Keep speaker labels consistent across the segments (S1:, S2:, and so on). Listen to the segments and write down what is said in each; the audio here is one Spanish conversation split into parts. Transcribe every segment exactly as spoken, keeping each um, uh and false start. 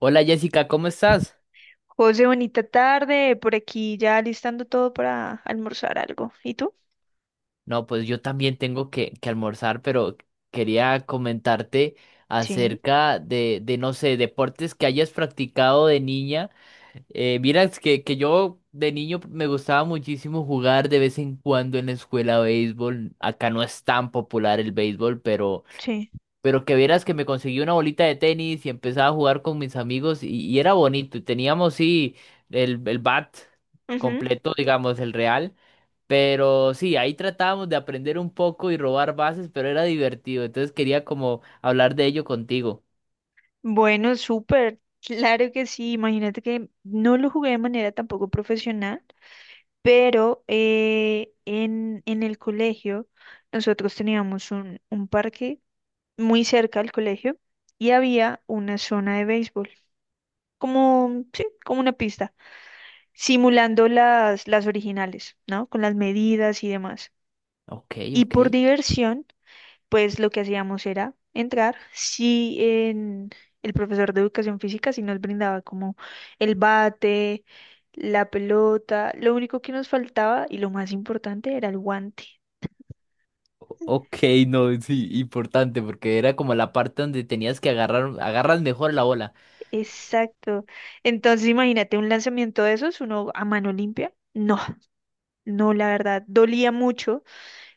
S1: Hola Jessica, ¿cómo estás?
S2: José, bonita tarde. Por aquí ya listando todo para almorzar algo. ¿Y tú?
S1: No, pues yo también tengo que, que almorzar, pero quería comentarte
S2: Sí,
S1: acerca de, de, no sé, deportes que hayas practicado de niña. Eh, mira, es que, que yo de niño me gustaba muchísimo jugar de vez en cuando en la escuela béisbol. Acá no es tan popular el béisbol, pero,
S2: sí.
S1: pero que vieras que me conseguí una bolita de tenis y empezaba a jugar con mis amigos y, y era bonito. Y teníamos, sí, el, el bat
S2: Ujú.
S1: completo, digamos, el real. Pero sí, ahí tratábamos de aprender un poco y robar bases, pero era divertido. Entonces quería como hablar de ello contigo.
S2: Bueno, súper. Claro que sí. Imagínate que no lo jugué de manera tampoco profesional, pero eh, en, en el colegio nosotros teníamos un, un parque muy cerca al colegio y había una zona de béisbol, como, sí, como una pista, simulando las, las originales, ¿no? Con las medidas y demás.
S1: Ok,
S2: Y
S1: ok.
S2: por diversión pues lo que hacíamos era entrar, si en el profesor de educación física sí nos brindaba como el bate, la pelota, lo único que nos faltaba y lo más importante era el guante.
S1: Ok, no, sí, importante, porque era como la parte donde tenías que agarrar, agarras mejor la bola.
S2: Exacto. Entonces imagínate un lanzamiento de esos, uno a mano limpia. No, no, la verdad, dolía mucho.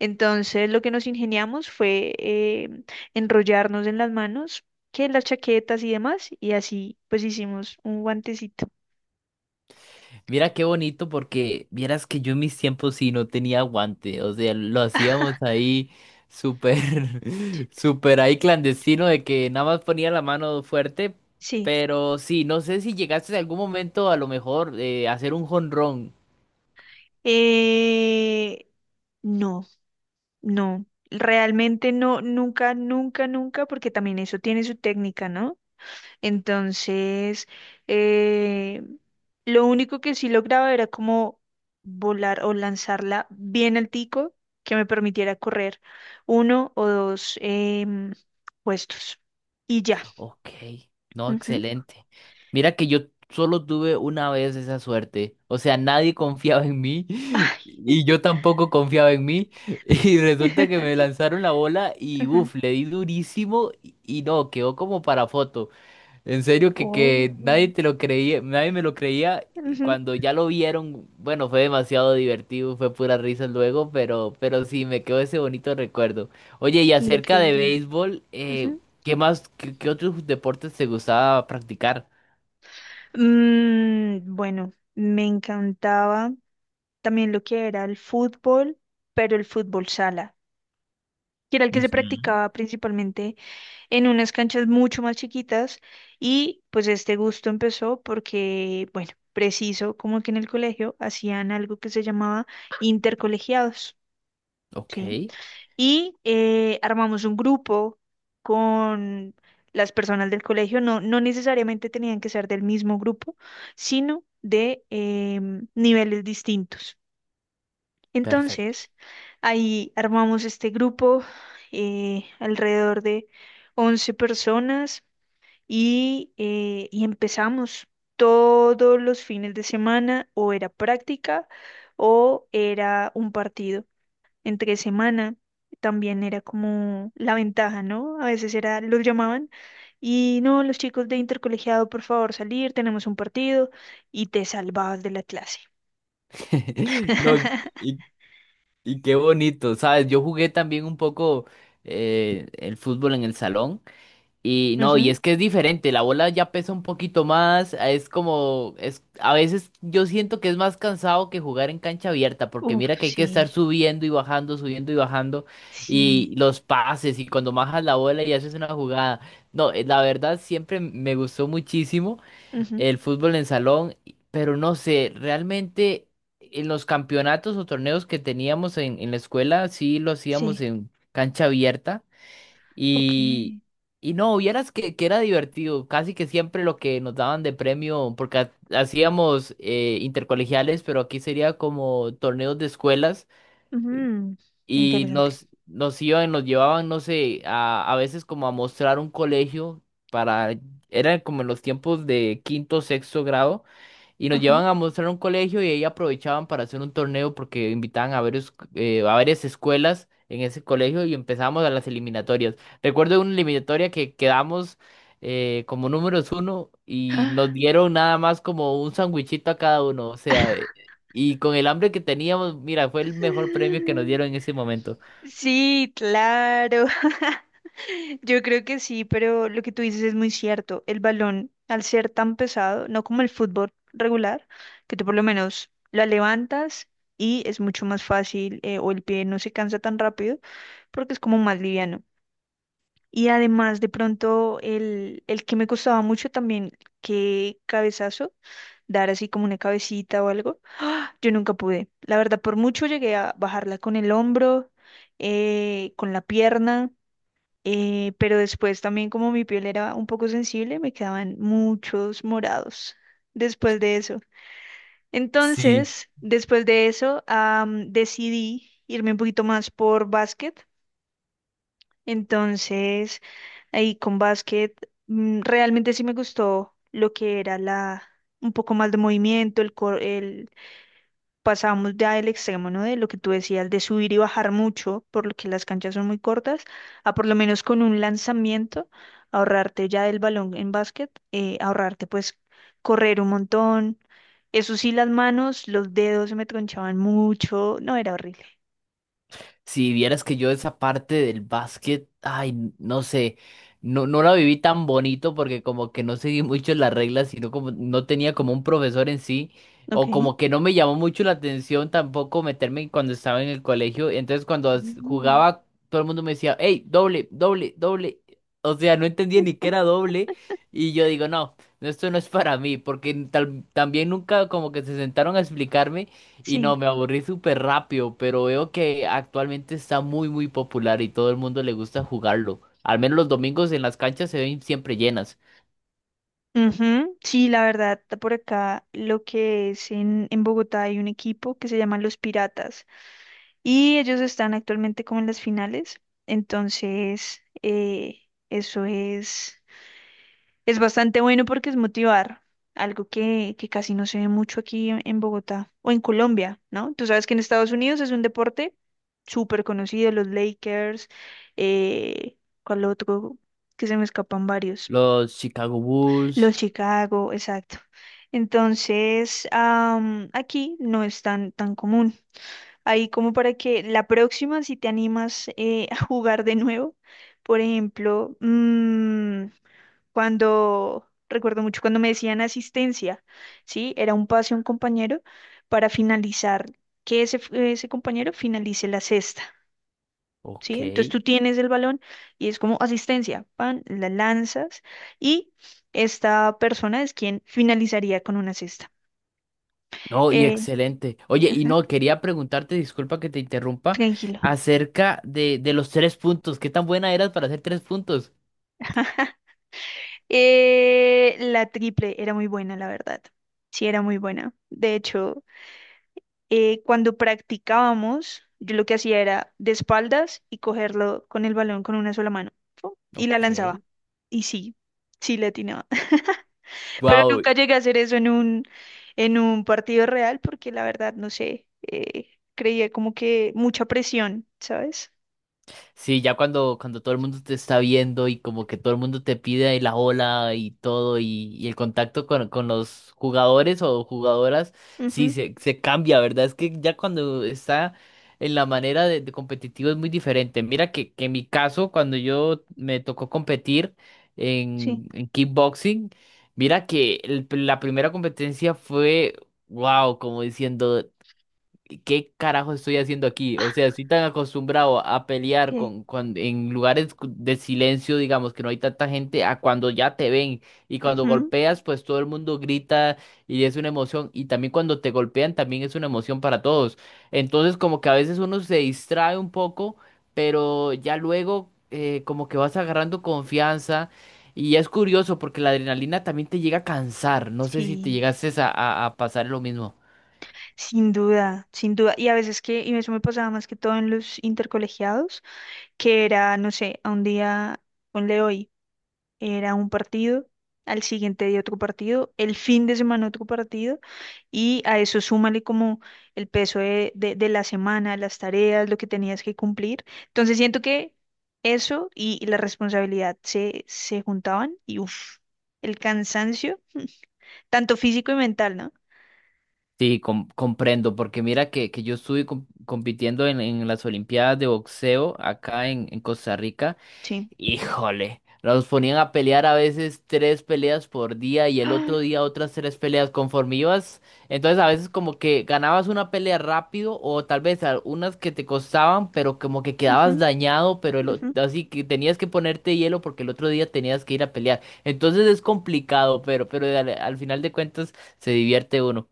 S2: Entonces lo que nos ingeniamos fue eh, enrollarnos en las manos, que en las chaquetas y demás, y así pues hicimos un guantecito.
S1: Mira qué bonito, porque vieras que yo en mis tiempos sí no tenía guante. O sea, lo hacíamos ahí súper, súper ahí clandestino de que nada más ponía la mano fuerte.
S2: Sí.
S1: Pero sí, no sé si llegaste en algún momento a lo mejor eh, a hacer un jonrón.
S2: Eh, no, no, realmente no, nunca, nunca, nunca, porque también eso tiene su técnica, ¿no? Entonces, eh, lo único que sí lograba era como volar o lanzarla bien altico que me permitiera correr uno o dos em, puestos y ya.
S1: Ok, no,
S2: Ujú.
S1: excelente. Mira que yo solo tuve una vez esa suerte. O sea, nadie confiaba en mí y
S2: Ay.
S1: yo tampoco confiaba en mí. Y resulta que me lanzaron la bola y
S2: Ujú.
S1: uff, le di durísimo y y no, quedó como para foto. En serio que, que nadie
S2: Oh.
S1: te lo creía, nadie me lo creía y
S2: Ujú.
S1: cuando ya lo vieron, bueno, fue demasiado divertido, fue pura risa luego, pero, pero sí, me quedó ese bonito recuerdo. Oye, y acerca de
S2: Increíble.
S1: béisbol, eh,
S2: Ujú.
S1: ¿qué más, qué, qué otros deportes te gustaba practicar?
S2: Mm, bueno, me encantaba también lo que era el fútbol, pero el fútbol sala, que era el que se
S1: Ujú,
S2: practicaba principalmente en unas canchas mucho más chiquitas y pues este gusto empezó porque, bueno, preciso, como que en el colegio hacían algo que se llamaba intercolegiados,
S1: ok,
S2: ¿sí? Y eh, armamos un grupo con las personas del colegio. No, no necesariamente tenían que ser del mismo grupo, sino de em, niveles distintos.
S1: perfecto.
S2: Entonces, ahí armamos este grupo eh, alrededor de once personas y, eh, y empezamos todos los fines de semana o era práctica o era un partido entre semana. También era como la ventaja, ¿no? A veces era, los llamaban y no, los chicos de intercolegiado, por favor, salir, tenemos un partido y te salvabas de la clase.
S1: No, y, y qué bonito, ¿sabes? Yo jugué también un poco eh, el fútbol en el salón. Y no, y
S2: Ujú.
S1: es que es diferente, la bola ya pesa un poquito más, es como, es, a veces yo siento que es más cansado que jugar en cancha abierta, porque
S2: Uf,
S1: mira que hay que estar
S2: sí,
S1: subiendo y bajando, subiendo y bajando, y
S2: sí,
S1: los pases, y cuando bajas la bola y haces una jugada. No, eh, la verdad siempre me gustó muchísimo
S2: ujú,
S1: el fútbol en salón, y- pero no sé, realmente en los campeonatos o torneos que teníamos en, en la escuela, sí lo hacíamos
S2: sí,
S1: en cancha abierta.
S2: ok,
S1: Y, y no, vieras que, que era divertido, casi que siempre lo que nos daban de premio, porque ha- hacíamos eh, intercolegiales, pero aquí sería como torneos de escuelas
S2: ujú.
S1: y
S2: Interesante.
S1: nos, nos iban, nos llevaban, no sé, a, a veces como a mostrar un colegio para, era como en los tiempos de quinto, sexto grado, y nos
S2: Ajá.
S1: llevaban a mostrar un colegio y ahí aprovechaban para hacer un torneo porque invitaban a varios, eh, a varias escuelas en ese colegio y empezamos a las eliminatorias. Recuerdo una eliminatoria que quedamos eh, como números uno y nos dieron nada más como un sandwichito a cada uno, o sea, y con el hambre que teníamos, mira, fue el mejor premio que nos dieron en ese momento.
S2: Sí, claro. Yo creo que sí, pero lo que tú dices es muy cierto. El balón, al ser tan pesado, no como el fútbol regular, que tú por lo menos la levantas y es mucho más fácil, eh, o el pie no se cansa tan rápido porque es como más liviano. Y además, de pronto, el, el que me costaba mucho también, que cabezazo, dar así como una cabecita o algo yo nunca pude. La verdad, por mucho llegué a bajarla con el hombro, eh, con la pierna, eh, pero después también como mi piel era un poco sensible, me quedaban muchos morados después de eso.
S1: Sí.
S2: Entonces, después de eso, am, decidí irme un poquito más por básquet. Entonces, ahí con básquet, mm, realmente sí me gustó lo que era la, un poco más de movimiento, el, cor- el pasamos ya del extremo, ¿no? De lo que tú decías, de subir y bajar mucho, por lo que las canchas son muy cortas, a por lo menos con un lanzamiento, ahorrarte ya del balón en básquet, eh, ahorrarte pues correr un montón. Eso sí, las manos, los dedos se me tronchaban mucho, no, era horrible.
S1: Si vieras que yo esa parte del básquet, ay, no sé, no, no la viví tan bonito porque como que no seguí mucho las reglas, sino como no tenía como un profesor en sí,
S2: Ok.
S1: o como que no me llamó mucho la atención tampoco meterme cuando estaba en el colegio. Entonces cuando as-
S2: Mm.
S1: jugaba, todo el mundo me decía, hey, doble, doble, doble. O sea, no entendía ni qué era doble. Y yo digo, no, no, esto no es para mí, porque tal, también nunca como que se sentaron a explicarme. Y no,
S2: Sí.
S1: me aburrí súper rápido, pero veo que actualmente está muy, muy popular y todo el mundo le gusta jugarlo. Al menos los domingos en las canchas se ven siempre llenas.
S2: Ujú. Sí, la verdad, por acá lo que es en, en Bogotá hay un equipo que se llama Los Piratas. Y ellos están actualmente como en las finales, entonces eh, eso es, es bastante bueno porque es motivar, algo que, que casi no se ve mucho aquí en, en Bogotá o en Colombia, ¿no? Tú sabes que en Estados Unidos es un deporte súper conocido, los Lakers, eh, ¿cuál otro? Que se me escapan varios,
S1: Los Chicago Bulls,
S2: los Chicago, exacto. Entonces, am, aquí no es tan, tan común. Ahí como para que la próxima, si te animas eh, a jugar de nuevo, por ejemplo, mm, cuando, recuerdo mucho cuando me decían asistencia, ¿sí? Era un pase a un compañero para finalizar, que ese, ese compañero finalice la cesta.
S1: ok.
S2: ¿Sí? Entonces tú tienes el balón y es como asistencia, pan, la lanzas y esta persona es quien finalizaría con una cesta.
S1: No, y
S2: Eh,
S1: excelente. Oye, y
S2: ajá,
S1: no, quería preguntarte, disculpa que te interrumpa,
S2: tranquilo.
S1: acerca de, de los tres puntos. ¿Qué tan buena eras para hacer tres puntos?
S2: Eh, la triple era muy buena, la verdad. Sí, era muy buena. De hecho, eh, cuando practicábamos, yo lo que hacía era de espaldas y cogerlo con el balón con una sola mano. ¡Fu! Y la
S1: Ok.
S2: lanzaba. Y sí, sí le atinaba. Pero
S1: Wow,
S2: nunca llegué a hacer eso en un, en un partido real porque la verdad, no sé, eh, creía como que mucha presión, ¿sabes?
S1: sí, ya cuando, cuando todo el mundo te está viendo y como que todo el mundo te pide la ola y todo y, y el contacto con, con los jugadores o jugadoras, sí,
S2: Ujú,
S1: se, se cambia, ¿verdad? Es que ya cuando está en la manera de, de competitivo es muy diferente. Mira que, que en mi caso, cuando yo me tocó competir
S2: sí,
S1: en, en kickboxing, mira que el- la primera competencia fue, wow, como diciendo... ¿qué carajo estoy haciendo aquí? O sea, estoy tan acostumbrado a pelear
S2: ok.
S1: con, con- en lugares cu- de silencio, digamos, que no hay tanta gente, a cuando ya te ven y cuando
S2: Ujú,
S1: golpeas, pues todo el mundo grita y es una emoción y también cuando te golpean también es una emoción para todos. Entonces, como que a veces uno se distrae un poco, pero ya luego eh, como que vas agarrando confianza. Y es curioso porque la adrenalina también te llega a cansar. No sé si te
S2: sí.
S1: llegases a, a a pasar lo mismo.
S2: Sin duda, sin duda. Y a veces que, y eso me pasaba más que todo en los intercolegiados, que era, no sé, a un día, ponle hoy, era un partido, al siguiente día otro partido, el fin de semana otro partido, y a eso súmale como el peso de, de, de la semana, las tareas, lo que tenías que cumplir. Entonces siento que eso y la responsabilidad se, se juntaban y uff, el cansancio, tanto físico y mental, ¿no?
S1: Sí, com- comprendo, porque mira que, que yo estuve com- compitiendo en, en las Olimpiadas de boxeo acá en, en Costa Rica.
S2: Sí.
S1: Híjole, nos ponían a pelear a veces tres peleas por día y el
S2: Ah,
S1: otro día otras tres peleas conforme ibas. Entonces a veces como que ganabas una pelea rápido o tal vez algunas que te costaban, pero como que
S2: ujú,
S1: quedabas dañado, pero el o-
S2: ujú.
S1: así que tenías que ponerte hielo porque el otro día tenías que ir a pelear. Entonces es complicado, pero, pero al al final de cuentas se divierte uno.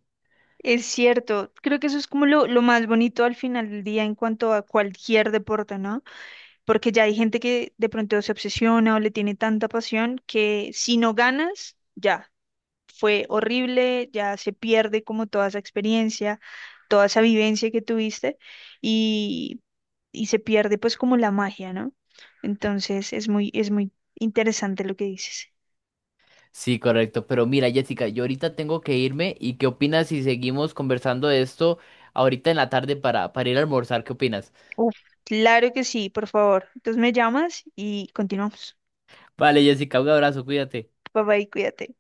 S2: Es cierto, creo que eso es como lo, lo más bonito al final del día en cuanto a cualquier deporte, ¿no? Porque ya hay gente que de pronto se obsesiona o le tiene tanta pasión que si no ganas, ya, fue horrible, ya se pierde como toda esa experiencia, toda esa vivencia que tuviste y, y se pierde pues como la magia, ¿no? Entonces es muy, es muy interesante lo que dices.
S1: Sí, correcto. Pero mira, Jessica, yo ahorita tengo que irme. ¿Y qué opinas si seguimos conversando de esto ahorita en la tarde para, para ir a almorzar? ¿Qué opinas?
S2: Uf, claro que sí, por favor. Entonces me llamas y continuamos.
S1: Vale, Jessica, un abrazo, cuídate.
S2: Bye bye, cuídate.